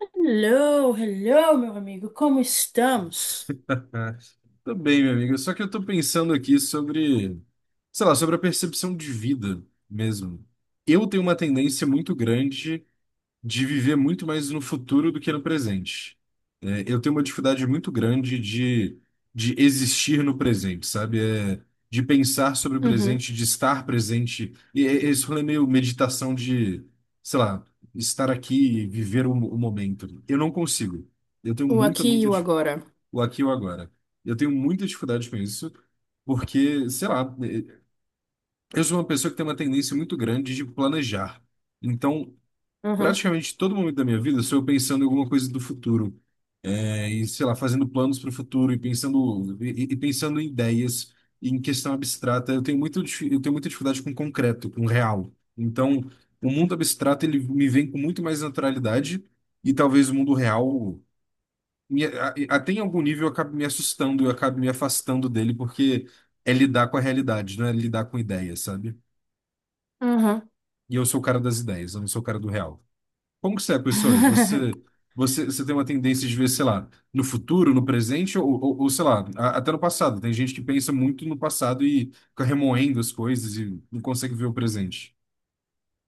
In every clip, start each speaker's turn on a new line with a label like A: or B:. A: Hello, hello, meu amigo, como estamos?
B: Ah, tô bem, meu amigo. Só que eu tô pensando aqui sobre, sei lá, sobre a percepção de vida mesmo. Eu tenho uma tendência muito grande de viver muito mais no futuro do que no presente. É, eu tenho uma dificuldade muito grande de existir no presente, sabe? É, de pensar sobre o
A: Uhum.
B: presente, de estar presente. E esse rolê é meio meditação de, sei lá, estar aqui e viver o, o momento. Eu não consigo. Eu tenho
A: O aqui e
B: muita
A: o
B: dificuldade
A: agora.
B: o aqui e o agora. Eu tenho muita dificuldade com isso, porque, sei lá, eu sou uma pessoa que tem uma tendência muito grande de planejar. Então,
A: Uhum.
B: praticamente todo momento da minha vida, eu sou eu pensando em alguma coisa do futuro. É, e, sei lá, fazendo planos para o futuro e pensando, pensando em ideias, em questão abstrata. Eu tenho muito, eu tenho muita dificuldade com concreto, com real. Então, o mundo abstrato, ele me vem com muito mais naturalidade. E talvez o mundo real até em algum nível eu acabo me assustando, eu acabo me afastando dele, porque é lidar com a realidade, não é lidar com ideias, sabe?
A: Uhum.
B: E eu sou o cara das ideias, eu não sou o cara do real. Como que você é, professor? Você tem uma tendência de ver, sei lá, no futuro, no presente, ou, sei lá, até no passado. Tem gente que pensa muito no passado e fica remoendo as coisas e não consegue ver o presente.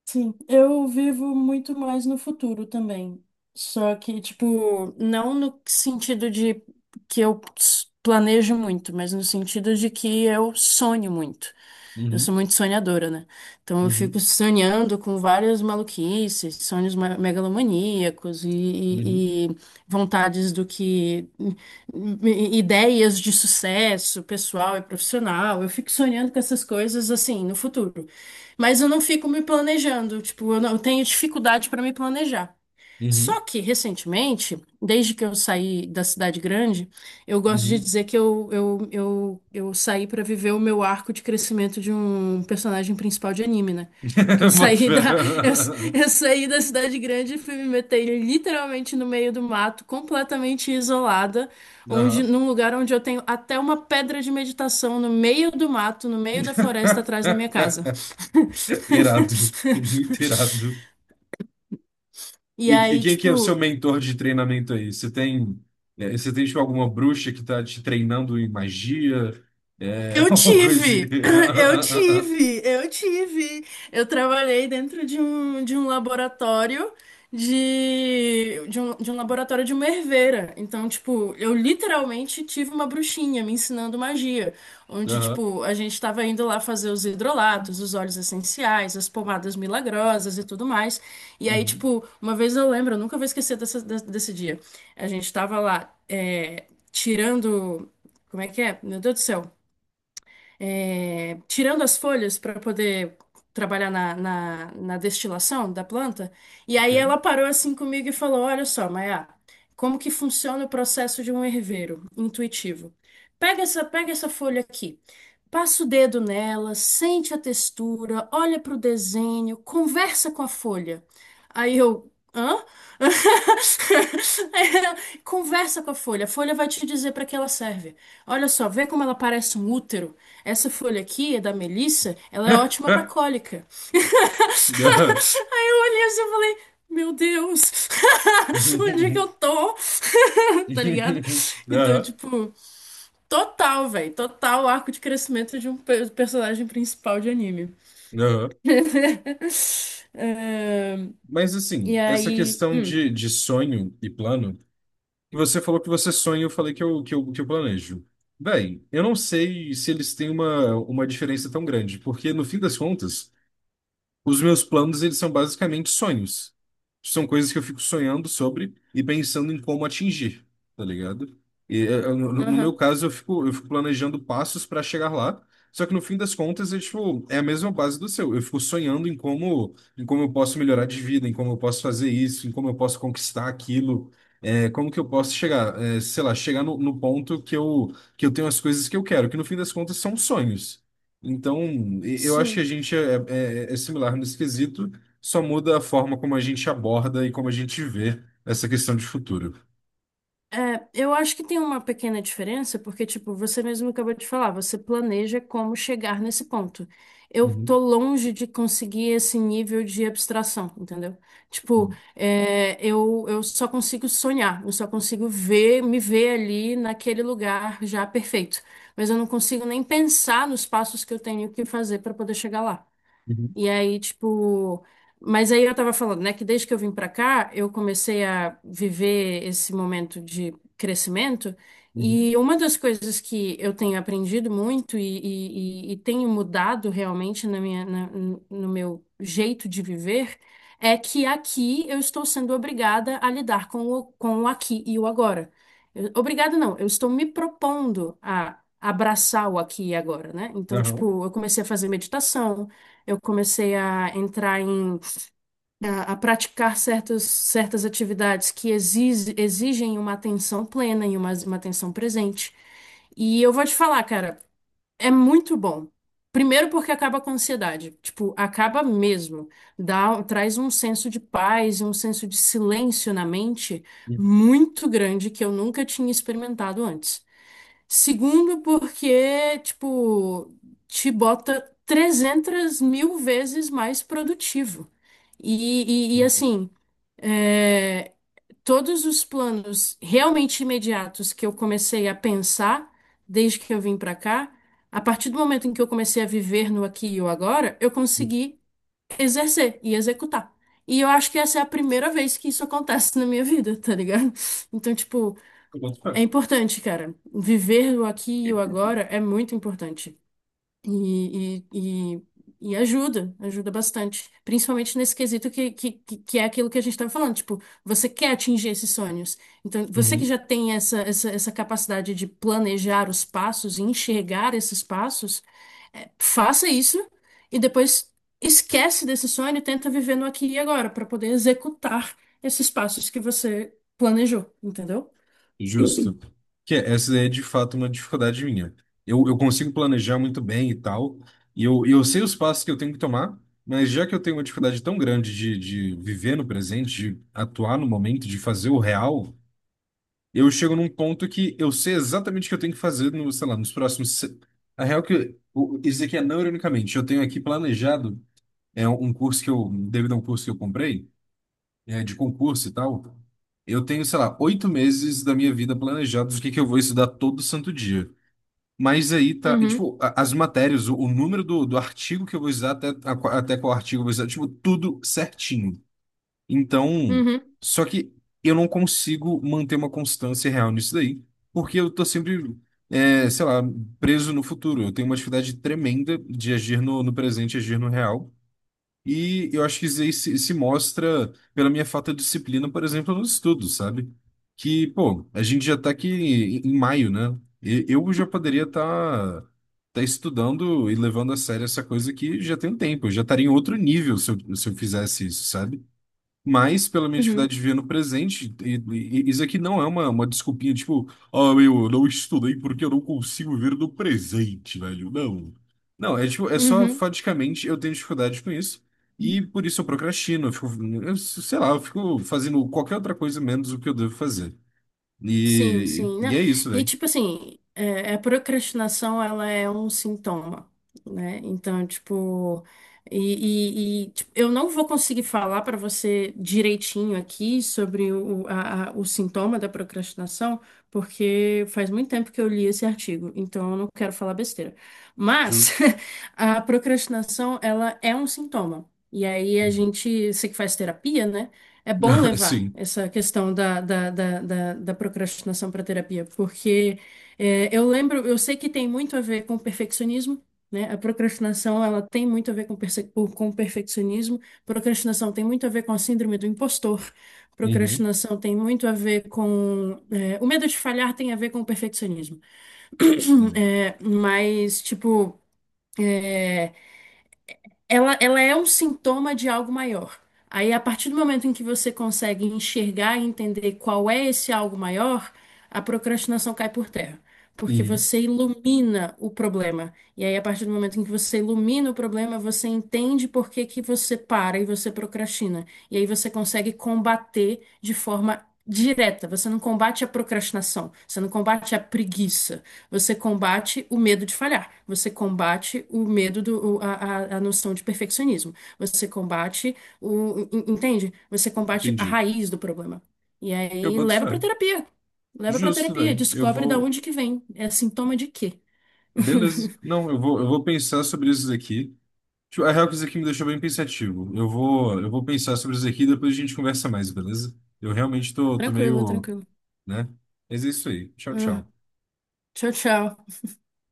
A: Sim, eu vivo muito mais no futuro também. Só que, tipo, não no sentido de planejo muito, mas no sentido de que eu sonho muito. Eu sou
B: Uhum,
A: muito sonhadora, né? Então eu fico
B: uhum,
A: sonhando com várias maluquices, megalomaníacos e,
B: uhum,
A: e- e vontades do que. Ideias de sucesso pessoal e profissional. Eu fico sonhando com essas coisas assim no futuro. Mas eu não fico me planejando, tipo, eu não- eu tenho dificuldade para me planejar.
B: uhum,
A: Só que, recentemente, desde que eu saí da cidade grande, eu gosto de
B: uhum.
A: dizer que eu saí para viver o meu arco de crescimento de um personagem principal de anime, né? Porque eu
B: Boto
A: saí
B: fé.
A: da, eu, eu saí da cidade grande e fui me meter literalmente no meio do mato, completamente isolada, onde,
B: Aham.
A: num lugar onde eu tenho até uma pedra de meditação no meio do mato, no meio da floresta, atrás da minha casa.
B: Irado, muito irado.
A: E
B: E
A: aí,
B: quem que é o seu
A: tipo.
B: mentor de treinamento aí? Você tem, é, você tem tipo, alguma bruxa que tá te treinando em magia? É,
A: Eu
B: alguma coisa assim.
A: tive, eu tive. Eu trabalhei dentro de um laboratório de um laboratório de uma herveira. Então, tipo, eu literalmente tive uma bruxinha me ensinando magia, onde,
B: Aham,
A: tipo, a gente estava indo lá fazer os hidrolatos, os óleos essenciais, as pomadas milagrosas e tudo mais. E aí,
B: uhum,
A: tipo, uma vez eu lembro, eu nunca vou esquecer desse dia. A gente tava lá, é, tirando. Como é que é? Meu Deus do céu, é, tirando as folhas para poder trabalhar na destilação da planta. E aí
B: ok.
A: ela parou assim comigo e falou: Olha só, Maia, como que funciona o processo de um herveiro intuitivo? Pega essa folha aqui. Passa o dedo nela, sente a textura, olha para o desenho, conversa com a folha. Aí eu, hã? Aí ela, conversa com a folha vai te dizer para que ela serve. Olha só, vê como ela parece um útero. Essa folha aqui é da Melissa, ela é ótima pra cólica.
B: Aham.
A: Aí eu olhei assim e falei, meu Deus, onde é que
B: Aham,
A: eu tô? Tá ligado? Então, tipo, total, velho, total arco de crescimento de personagem principal de anime.
B: aham.
A: Ahn,
B: Mas
A: e
B: assim, essa
A: aí,
B: questão de sonho e plano. E você falou que você sonha, eu falei que eu planejo. Bem, eu não sei se eles têm uma diferença tão grande, porque no fim das contas. Os meus planos, eles são basicamente sonhos. São coisas que eu fico sonhando sobre e pensando em como atingir, tá ligado? E no, no meu
A: aham,
B: caso, eu fico planejando passos para chegar lá. Só que no fim das contas, é, tipo, é a mesma base do seu. Eu fico sonhando em como eu posso melhorar de vida, em como eu posso fazer isso, em como eu posso conquistar aquilo, como que eu posso chegar, sei lá, chegar no, no ponto que eu tenho as coisas que eu quero, que no fim das contas são sonhos. Então, eu acho que a
A: sim.
B: gente é, é similar nesse quesito, só muda a forma como a gente aborda e como a gente vê essa questão de futuro.
A: É, eu acho que tem uma pequena diferença, porque, tipo, você mesmo acabou de falar, você planeja como chegar nesse ponto. Eu tô
B: Uhum,
A: longe de conseguir esse nível de abstração, entendeu? Tipo, é, eu só consigo sonhar, eu só consigo ver, me ver ali naquele lugar já perfeito. Mas eu não consigo nem pensar nos passos que eu tenho que fazer para poder chegar lá.
B: uhum,
A: E aí, tipo. Mas aí eu tava falando, né, que desde que eu vim pra cá, eu comecei a viver esse momento de crescimento.
B: uhum,
A: E uma das coisas que eu tenho aprendido muito e tenho mudado realmente na minha, no meu jeito de viver é que aqui eu estou sendo obrigada a lidar com o aqui e o agora. Eu- Obrigada, não, eu estou me propondo a abraçar o aqui e agora, né? Então,
B: não,
A: tipo, eu comecei a fazer meditação. Eu comecei a entrar em a praticar certas atividades exigem uma atenção plena e uma atenção presente. E eu vou te falar, cara, é muito bom. Primeiro porque acaba com a ansiedade, tipo, acaba mesmo. Dá, traz um senso de paz e um senso de silêncio na mente
B: uhum,
A: muito grande que eu nunca tinha experimentado antes. Segundo, porque, tipo, te bota 300 mil vezes mais produtivo.
B: uhum,
A: Assim, é, todos os planos realmente imediatos que eu comecei a pensar desde que eu vim pra cá, a partir do momento em que eu comecei a viver no aqui e o agora, eu
B: uhum.
A: consegui exercer e executar. E eu acho que essa é a primeira vez que isso acontece na minha vida, tá ligado? Então, tipo,
B: Eu boto
A: é
B: fé.
A: importante, cara. Viver o aqui e o agora é muito importante. E, e, e, e ajuda, ajuda bastante. Principalmente nesse quesito que que é aquilo que a gente estava falando. Tipo, você quer atingir esses sonhos. Então, você que
B: Uhum.
A: já tem essa capacidade de planejar os passos e enxergar esses passos, é, faça isso e depois esquece desse sonho e tenta viver no aqui e agora, para poder executar esses passos que você planejou, entendeu?
B: Justo. Essa é de fato uma dificuldade minha. Eu consigo planejar muito bem e tal, e eu sei os passos que eu tenho que tomar, mas já que eu tenho uma dificuldade tão grande de viver no presente, de atuar no momento, de fazer o real. Eu chego num ponto que eu sei exatamente o que eu tenho que fazer no, sei lá, nos próximos. Se- a real é que isso aqui é não ironicamente. Eu tenho aqui planejado devido a um curso que eu comprei, é, de concurso e tal. Eu tenho, sei lá, oito meses da minha vida planejados o que que eu vou estudar todo santo dia. Mas aí tá, e,
A: Uhum,
B: tipo, as matérias, o número do artigo que eu vou usar até, até qual artigo eu vou usar, tipo, tudo certinho. Então,
A: uhum.
B: só que eu não consigo manter uma constância real nisso daí, porque eu tô sempre, é, sei lá, preso no futuro. Eu tenho uma dificuldade tremenda de agir no, no presente, agir no real. E eu acho que isso aí se mostra pela minha falta de disciplina, por exemplo, nos estudos, sabe? Que, pô, a gente já tá aqui em maio, né? Eu já poderia estar tá estudando e levando a sério essa coisa que já tem um tempo. Eu já estaria em outro nível se eu, se eu fizesse isso, sabe? Mas, pela minha
A: Uhum,
B: atividade de ver no presente, isso aqui não é uma desculpinha, tipo, ah, meu, eu não estudei porque eu não consigo ver no presente, velho. Não. Não, é tipo, é só
A: uhum.
B: faticamente eu tenho dificuldade com isso. E por isso eu procrastino, eu fico, eu sei lá, eu fico fazendo qualquer outra coisa menos o que eu devo fazer.
A: Sim, sim, né?
B: E é isso,
A: E
B: velho.
A: tipo assim, é, a procrastinação, ela é um sintoma, né? Então, tipo, tipo, eu não vou conseguir falar para você direitinho aqui sobre o sintoma da procrastinação, porque faz muito tempo que eu li esse artigo, então eu não quero falar besteira. Mas
B: Justo.
A: a procrastinação, ela é um sintoma. E aí a
B: Uhum.
A: gente, você que faz terapia, né? É bom levar
B: Sim.
A: essa questão da procrastinação para terapia, porque é, eu lembro, eu sei que tem muito a ver com perfeccionismo, né? A procrastinação, ela tem muito a ver com, com perfeccionismo, procrastinação tem muito a ver com a síndrome do impostor,
B: Uhum.
A: procrastinação tem muito a ver com... é, o medo de falhar tem a ver com o perfeccionismo.
B: Uhum.
A: É, mas, tipo... ela é um sintoma de algo maior. Aí, a partir do momento em que você consegue enxergar e entender qual é esse algo maior, a procrastinação cai por terra. Porque
B: Uhum.
A: você ilumina o problema. E aí, a partir do momento em que você ilumina o problema, você entende por que que você para e você procrastina. E aí você consegue combater de forma direta. Você não combate a procrastinação, você não combate a preguiça. Você combate o medo de falhar, você combate o medo a noção de perfeccionismo, você combate entende? Você combate a
B: Entendi.
A: raiz do problema. E
B: Eu
A: aí
B: boto fé.
A: leva pra terapia. Leva pra
B: Justo,
A: terapia,
B: velho. Eu
A: descobre da
B: vou.
A: onde que vem. É sintoma de quê?
B: Beleza. Não, eu vou pensar sobre isso daqui. Tipo, a real que isso aqui me deixou bem pensativo. Eu vou pensar sobre isso aqui e depois a gente conversa mais, beleza? Eu realmente tô, tô
A: Tranquilo,
B: meio,
A: tranquilo.
B: né? Mas é isso aí. Tchau,
A: Ah,
B: tchau.
A: tchau, tchau.